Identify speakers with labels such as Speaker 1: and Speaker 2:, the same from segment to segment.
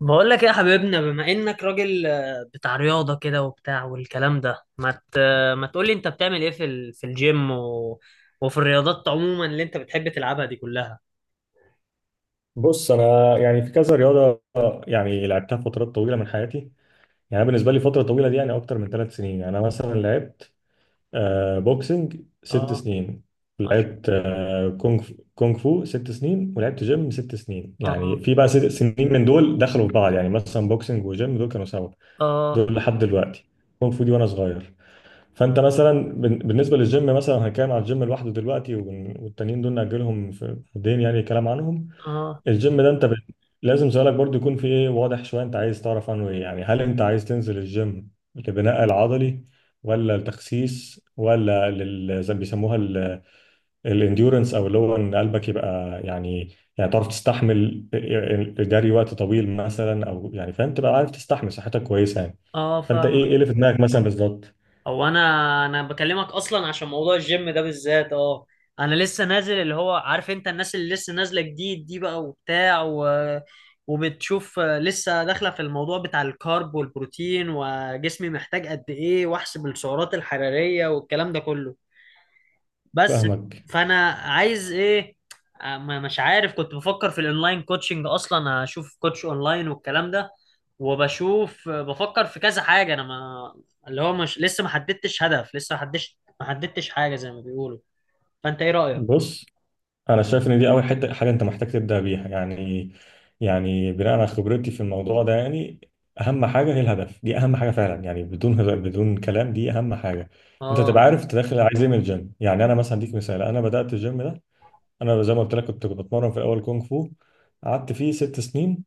Speaker 1: بقول لك ايه يا حبيبنا بما انك راجل بتاع رياضة كده وبتاع والكلام ده ما تقول لي انت بتعمل ايه في الجيم وفي الرياضات عموما اللي انت بتحب تلعبها دي كلها.
Speaker 2: بص، انا يعني في كذا رياضه يعني لعبتها فترات طويله من حياتي. يعني أنا بالنسبه لي فتره طويله دي يعني اكتر من ثلاث سنين. يعني انا مثلا لعبت بوكسنج ست
Speaker 1: اه.
Speaker 2: سنين.
Speaker 1: ماشي.
Speaker 2: لعبت كونغ فو ست سنين، ولعبت جيم ست سنين. يعني
Speaker 1: اه
Speaker 2: في بقى ست سنين من دول دخلوا في بعض، يعني مثلا بوكسنج وجيم دول كانوا سوا،
Speaker 1: اه
Speaker 2: دول لحد دلوقتي. كونغ فو دي وانا صغير. فانت مثلا بالنسبه للجيم مثلا هنتكلم على الجيم لوحده دلوقتي، والتانيين دول ناجلهم في الدين يعني كلام عنهم.
Speaker 1: اه
Speaker 2: الجيم ده انت لازم سؤالك برضو يكون في ايه واضح شويه، انت عايز تعرف عنه ايه. يعني هل انت عايز تنزل الجيم لبناء العضلي ولا التخسيس ولا زي ما بيسموها الانديورنس، او اللي هو ان قلبك يبقى يعني تعرف تستحمل الجري وقت طويل مثلا، او يعني فاهم تبقى عارف تستحمل، صحتك كويسه يعني.
Speaker 1: اه.
Speaker 2: فانت ايه
Speaker 1: فاهم.
Speaker 2: ايه اللي في دماغك مثلا بالظبط؟
Speaker 1: هو انا بكلمك اصلا عشان موضوع الجيم ده بالذات. اه. انا لسه نازل، اللي هو عارف انت الناس اللي لسه نازله جديد دي بقى وبتاع وبتشوف، لسه داخله في الموضوع بتاع الكارب والبروتين وجسمي محتاج قد ايه واحسب السعرات الحراريه والكلام ده كله. بس
Speaker 2: فاهمك.
Speaker 1: فانا عايز ايه؟ مش عارف. كنت بفكر في الاونلاين كوتشنج اصلا، اشوف كوتش اونلاين والكلام ده، وبشوف، بفكر في كذا حاجه. انا ما اللي هو مش، لسه ما حددتش هدف، لسه ما حددتش حاجه زي ما بيقولوا. فانت ايه رايك؟
Speaker 2: بص انا شايف ان دي اول حته حاجه انت محتاج تبدا بيها يعني، يعني بناء على خبرتي في الموضوع ده يعني. اهم حاجه هي الهدف، دي اهم حاجه فعلا يعني، بدون كلام دي اهم حاجه. انت تبقى
Speaker 1: اه
Speaker 2: عارف انت داخل عايز ايه من الجيم. يعني انا مثلا اديك مثال، انا بدات الجيم ده، انا زي ما قلت لك كنت بتمرن في الاول كونغ فو، قعدت فيه ست سنين،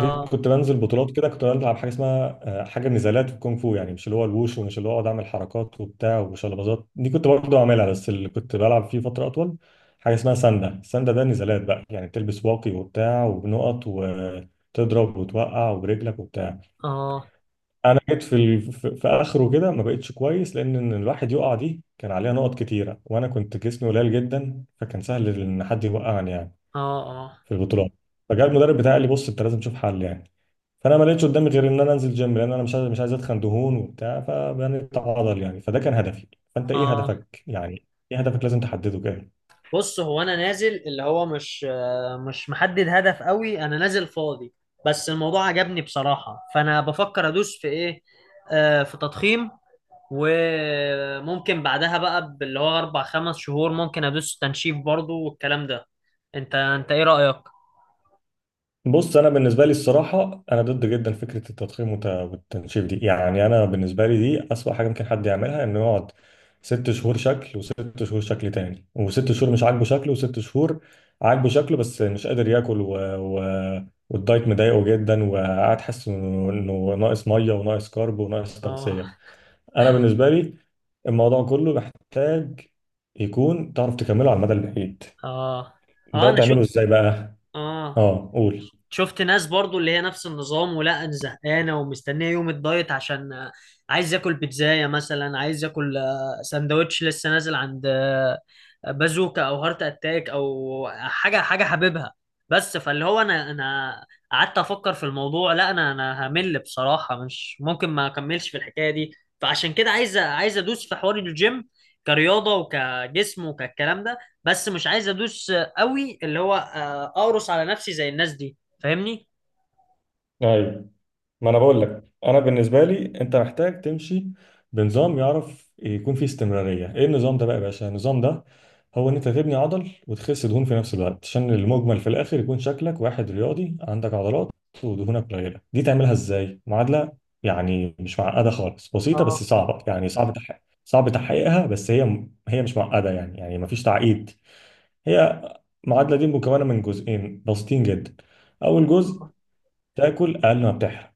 Speaker 2: جيت كنت بنزل بطولات كده، كنت بلعب حاجه اسمها حاجه نزالات في الكونغ فو. يعني مش اللي هو الوش ومش اللي هو اقعد اعمل حركات وبتاع وشلبازات، دي كنت برضه اعملها بس اللي كنت بلعب فيه فتره اطول حاجه اسمها ساندا. الساندا ده نزالات بقى يعني، تلبس واقي وبتاع وبنقط وتضرب وتوقع وبرجلك وبتاع.
Speaker 1: اه
Speaker 2: انا جيت في في اخره كده ما بقتش كويس، لان إن الواحد يقع دي كان عليها نقط كتيره وانا كنت جسمي قليل جدا، فكان سهل ان حد يوقعني يعني
Speaker 1: اه اه
Speaker 2: في البطولات. فجاء المدرب بتاعي قال لي بص انت لازم تشوف حل يعني. فانا ما لقيتش قدامي غير ان انا انزل جيم، لان انا مش عايز اتخن دهون وبتاع، فبني عضل يعني، فده كان هدفي. فانت ايه
Speaker 1: اه.
Speaker 2: هدفك يعني، ايه هدفك؟ لازم تحدده كده.
Speaker 1: بص، هو انا نازل اللي هو مش محدد هدف قوي، انا نازل فاضي. بس الموضوع عجبني بصراحه. فانا بفكر ادوس في ايه؟ في تضخيم. وممكن بعدها بقى اللي هو اربع خمس شهور ممكن ادوس تنشيف برضو والكلام ده. انت ايه رأيك؟
Speaker 2: بص انا بالنسبه لي الصراحه انا ضد جدا فكره التضخيم والتنشيف دي. يعني انا بالنسبه لي دي اسوأ حاجه ممكن حد يعملها، انه يقعد ست شهور شكل وست شهور شكل تاني وست شهور مش عاجبه شكله وست شهور عاجبه شكله بس مش قادر ياكل والدايت مضايقه جدا، وقاعد حاسس انه إنه ناقص ميه وناقص كارب وناقص
Speaker 1: اه
Speaker 2: تغذيه. انا بالنسبه لي الموضوع كله محتاج يكون تعرف تكمله على المدى البعيد.
Speaker 1: اه اه.
Speaker 2: ده
Speaker 1: انا
Speaker 2: تعمله
Speaker 1: شفت
Speaker 2: ازاي بقى؟
Speaker 1: اه
Speaker 2: اه قول.
Speaker 1: شفت ناس برضو اللي هي نفس النظام، ولا انا زهقانه ومستنيه يوم الدايت عشان عايز اكل بيتزايه مثلا، عايز اكل سندوتش، لسه نازل عند بازوكا او هارت اتاك او حاجه حاببها. بس فاللي هو انا قعدت افكر في الموضوع، لا انا همل بصراحه، مش ممكن ما اكملش في الحكايه دي. فعشان كده عايز ادوس في حوار الجيم كرياضه وكجسم وكالكلام ده. بس مش عايز ادوس قوي اللي هو اقرص على نفسي زي الناس دي. فاهمني؟
Speaker 2: ايوه، ما انا بقول لك انا بالنسبه لي انت محتاج تمشي بنظام يعرف يكون فيه استمراريه. ايه النظام ده بقى يا باشا؟ النظام ده هو ان انت تبني عضل وتخس دهون في نفس الوقت، عشان المجمل في الاخر يكون شكلك واحد رياضي عندك عضلات ودهونك قليله. دي تعملها ازاي؟ معادله يعني مش معقده خالص، بسيطه بس
Speaker 1: اه
Speaker 2: صعبه، يعني صعب تحقيق صعب تحقيقها، بس هي مش معقده يعني مفيش تعقيد. هي المعادله دي مكونه من جزئين بسيطين جدا. اول جزء، تاكل اقل ما بتحرق.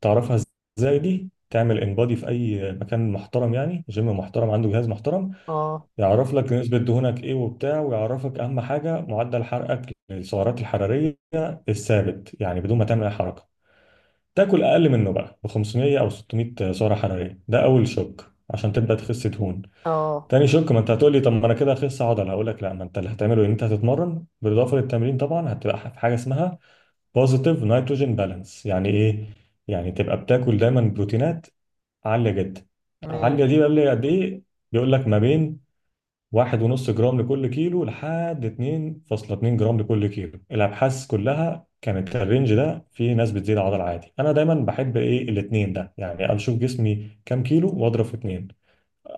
Speaker 2: تعرفها ازاي؟ دي تعمل انبادي في اي مكان محترم، يعني جيم محترم عنده جهاز محترم
Speaker 1: اه
Speaker 2: يعرف لك نسبة دهونك ايه وبتاع، ويعرفك اهم حاجة معدل حرقك للسعرات الحرارية الثابت يعني بدون ما تعمل اي حركة. تاكل اقل منه بقى ب 500 او 600 سعرة حرارية، ده اول شوك عشان تبدأ تخس دهون.
Speaker 1: اه.
Speaker 2: تاني شوك، ما انت هتقول لي طب ما انا كده هخس عضل، هقول لك لا، ما انت اللي هتعمله ان انت هتتمرن، بالاضافه للتمرين طبعا هتبقى في حاجه اسمها بوزيتيف نيتروجين بالانس. يعني ايه؟ يعني تبقى بتاكل دايما بروتينات عاليه جدا. عاليه
Speaker 1: ماشي.
Speaker 2: دي بقى اللي قد ايه؟ بيقول لك ما بين واحد ونص جرام لكل كيلو لحد 2.2 جرام لكل كيلو. الابحاث كلها كانت الرينج ده، في ناس بتزيد عضل عادي. انا دايما بحب ايه؟ الاتنين ده يعني، اشوف جسمي كام كيلو واضرب في اتنين.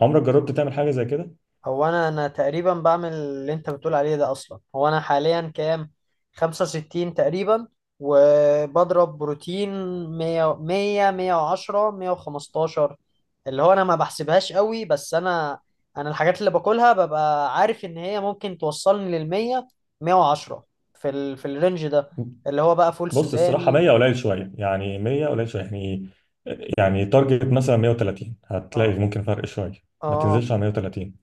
Speaker 2: عمرك جربت تعمل حاجه زي كده؟
Speaker 1: هو انا تقريبا بعمل اللي انت بتقول عليه ده اصلا. هو انا حاليا كام؟ 65 تقريبا. وبضرب بروتين 100 100 110 115. اللي هو انا ما بحسبهاش قوي بس انا الحاجات اللي باكلها ببقى عارف ان هي ممكن توصلني لل 100 110، في الرينج ده، اللي هو بقى فول
Speaker 2: بص الصراحه
Speaker 1: سوداني.
Speaker 2: 100 قليل شويه يعني، 100 قليل شويه يعني، تارجت مثلا 130 هتلاقي
Speaker 1: اه
Speaker 2: ممكن فرق شويه. ما تنزلش
Speaker 1: اه.
Speaker 2: على 130.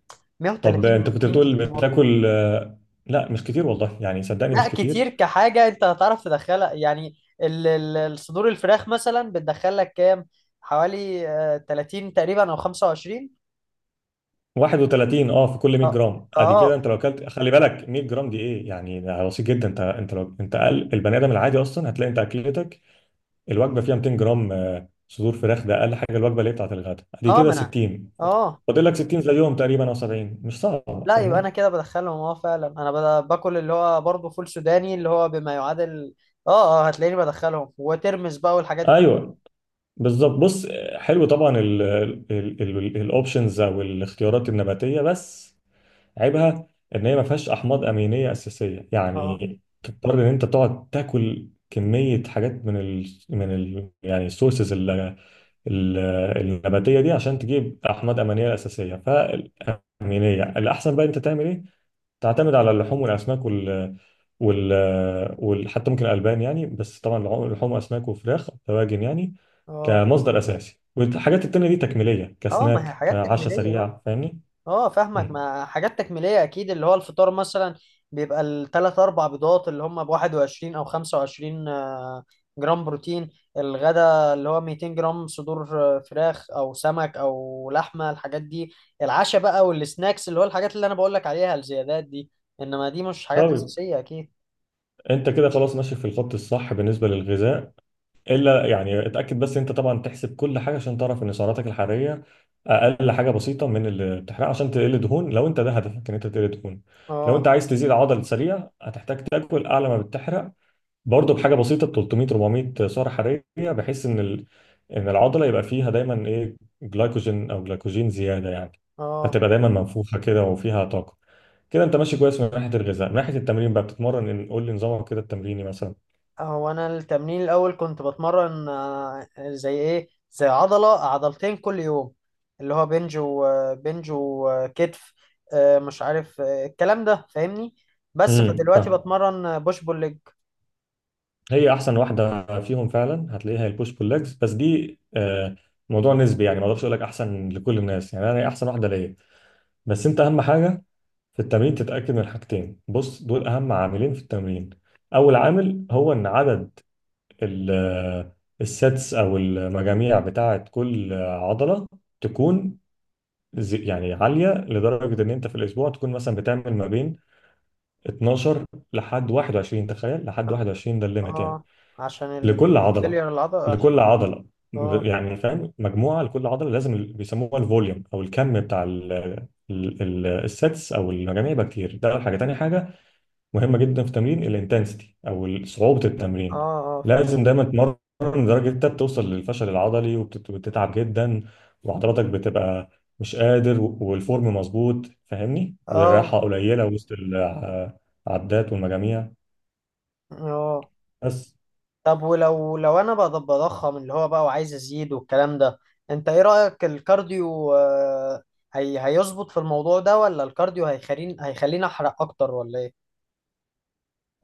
Speaker 2: طب
Speaker 1: 130
Speaker 2: انت كنت
Speaker 1: بروتين
Speaker 2: بتقول
Speaker 1: كتير؟
Speaker 2: بتاكل لا مش كتير والله يعني، صدقني
Speaker 1: لا
Speaker 2: مش كتير.
Speaker 1: كتير، كحاجة انت هتعرف تدخلها يعني. الصدور الفراخ مثلا بتدخل لك كام؟ حوالي 30 تقريبا او 25.
Speaker 2: 31 اه في كل 100
Speaker 1: اه
Speaker 2: جرام. ادي كده
Speaker 1: اه
Speaker 2: انت لو اكلت، خلي بالك 100 جرام دي ايه يعني؟ ده بسيط جدا، انت لو انت اقل البني ادم العادي اصلا هتلاقي انت اكلتك الوجبه فيها 200 جرام صدور فراخ، ده اقل حاجه. الوجبه اللي هي بتاعت الغداء ادي
Speaker 1: اه.
Speaker 2: كده
Speaker 1: ما انا.
Speaker 2: 60،
Speaker 1: اه.
Speaker 2: فاضل لك 60 زيهم تقريبا او 70، مش صعب
Speaker 1: لا، يبقى
Speaker 2: فاهمني.
Speaker 1: انا كده بدخلهم. اه فعلا انا باكل اللي هو برضه فول سوداني، اللي هو بما يعادل. اه اه. هتلاقيني بدخلهم وترمس بقى والحاجات دي.
Speaker 2: ايوه بالظبط. بص حلو طبعا الاوبشنز او الاختيارات النباتيه، بس عيبها ان هي ما فيهاش احماض امينيه اساسيه،
Speaker 1: اه
Speaker 2: يعني تضطر ان انت تقعد تاكل كميه حاجات من ال يعني السورسز النباتيه دي عشان تجيب احماض امينيه اساسيه. فالامينيه الاحسن بقى انت تعمل ايه؟ تعتمد على اللحوم والاسماك وال حتى ممكن الالبان يعني، بس طبعا لحوم لحوم واسماك وفراخ دواجن يعني
Speaker 1: اه
Speaker 2: كمصدر اساسي، والحاجات التانية دي تكميلية
Speaker 1: اه. ما هي
Speaker 2: كسناك
Speaker 1: حاجات
Speaker 2: كعشاء
Speaker 1: تكميلية.
Speaker 2: سريع فاهمني؟
Speaker 1: اه فاهمك.
Speaker 2: مم.
Speaker 1: ما حاجات تكميلية اكيد. اللي هو الفطار مثلا بيبقى الثلاث اربع بيضات اللي هم ب 21 او 25 جرام بروتين. الغدا اللي هو 200 جرام صدور فراخ او سمك او لحمة الحاجات دي. العشاء بقى والسناكس اللي هو الحاجات اللي انا بقول لك عليها الزيادات دي. انما دي مش حاجات
Speaker 2: طيب
Speaker 1: اساسية اكيد.
Speaker 2: انت كده خلاص ماشي في الخط الصح بالنسبة للغذاء. الا يعني اتأكد بس انت طبعا تحسب كل حاجة عشان تعرف ان سعراتك الحرارية اقل حاجة بسيطة من اللي بتحرقها عشان تقل دهون، لو انت ده هدفك ان انت تقل دهون. لو انت
Speaker 1: اه
Speaker 2: عايز تزيد عضل سريع هتحتاج تاكل اعلى ما بتحرق، برضه بحاجه بسيطه 300 400 سعره حراريه، بحيث ان ان العضله يبقى فيها دايما ايه؟ جلايكوجين، او جلايكوجين زياده يعني،
Speaker 1: اه.
Speaker 2: فتبقى دايما منفوخه كده وفيها طاقه. كده انت ماشي كويس من ناحيه الغذاء. من ناحيه التمرين بقى، بتتمرن قول لي نظامك كده التمريني مثلا.
Speaker 1: هو انا التمرين الاول كنت بتمرن زي ايه، زي عضله عضلتين كل يوم، اللي هو بنج وبنج وكتف. مش عارف الكلام ده، فاهمني. بس فدلوقتي
Speaker 2: فاهم.
Speaker 1: بتمرن بوش بول ليج.
Speaker 2: هي احسن واحده فيهم فعلا هتلاقيها هي البوش بول ليجز، بس دي موضوع نسبي يعني، ما اقدرش اقول لك احسن لكل الناس يعني، انا هي احسن واحده ليا. بس انت اهم حاجه في التمرين تتأكد من حاجتين. بص دول أهم عاملين في التمرين. أول عامل هو إن عدد ال- السيتس أو المجاميع بتاعة كل عضلة تكون يعني عالية لدرجة إن أنت في الأسبوع تكون مثلا بتعمل ما بين 12 لحد 21. تخيل لحد
Speaker 1: اه.
Speaker 2: 21 ده الليميت يعني.
Speaker 1: آه، عشان
Speaker 2: لكل عضلة،
Speaker 1: الفيلير العضله.
Speaker 2: لكل عضلة
Speaker 1: اه
Speaker 2: يعني فاهم، مجموعة لكل عضلة. لازم بيسموها الفوليوم أو الكم بتاع السيتس أو المجاميع يبقى كتير. ده أول حاجة. تاني حاجة مهمه جدا في تمرين، الانتنسيتي او صعوبه
Speaker 1: اه
Speaker 2: التمرين،
Speaker 1: اه. فاهم.
Speaker 2: لازم دايما تمرن لدرجه انت بتوصل للفشل العضلي، وبتتعب جدا وعضلاتك بتبقى مش قادر، والفورم مظبوط فاهمني،
Speaker 1: اه
Speaker 2: والراحه قليله وسط العدات والمجاميع
Speaker 1: اه.
Speaker 2: بس.
Speaker 1: طب ولو لو انا بقى بضخم اللي هو بقى وعايز ازيد والكلام ده، انت ايه رأيك الكارديو؟ هي هيظبط في الموضوع ده، ولا الكارديو هيخليني احرق اكتر، ولا ايه؟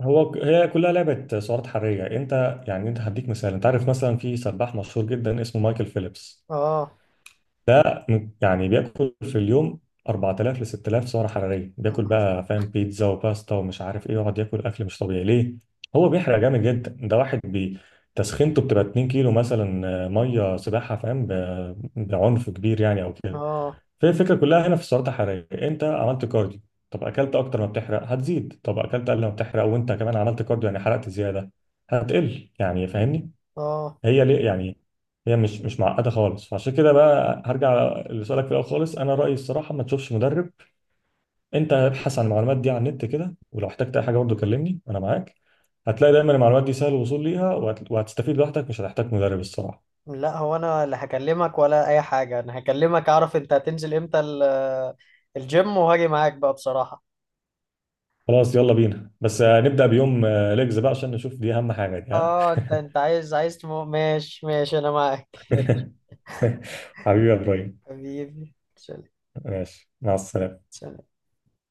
Speaker 2: هو هي كلها لعبه سعرات حراريه. انت يعني انت هديك مثال، انت عارف مثلا في سباح مشهور جدا اسمه مايكل فيليبس.
Speaker 1: اه
Speaker 2: ده يعني بياكل في اليوم 4000 ل 6000 سعره حراريه، بياكل بقى فاهم بيتزا وباستا ومش عارف ايه، يقعد ياكل اكل مش طبيعي ليه. هو بيحرق جامد جدا، ده واحد تسخينته بتبقى 2 كيلو مثلا ميه سباحه فاهم بعنف كبير يعني او كده.
Speaker 1: اه
Speaker 2: فهي الفكره كلها هنا في السعرات الحراريه. انت عملت كارديو، طب اكلت اكتر ما بتحرق هتزيد. طب اكلت اقل ما بتحرق وانت كمان عملت كارديو يعني حرقت زياده، هتقل يعني فاهمني.
Speaker 1: اه.
Speaker 2: هي ليه يعني؟ هي مش معقده خالص. فعشان كده بقى هرجع لسؤالك في الاول خالص، انا رايي الصراحه ما تشوفش مدرب. انت ابحث عن المعلومات دي على النت كده، ولو احتجت اي حاجه برضه كلمني انا معاك. هتلاقي دايما المعلومات دي سهل الوصول ليها، وهتستفيد لوحدك، مش هتحتاج مدرب الصراحه.
Speaker 1: لا، هو انا اللي هكلمك، ولا اي حاجة انا هكلمك اعرف انت هتنزل امتى الجيم وهاجي معاك بقى بصراحة.
Speaker 2: خلاص يلا بينا، بس
Speaker 1: خلاص.
Speaker 2: نبدا بيوم ليجز بقى عشان نشوف، دي اهم حاجه دي ها.
Speaker 1: اه، انت عايز ماشي ماشي انا معاك
Speaker 2: حبيبي يا ابراهيم.
Speaker 1: حبيبي سلام
Speaker 2: ماشي مع السلامه.
Speaker 1: سلام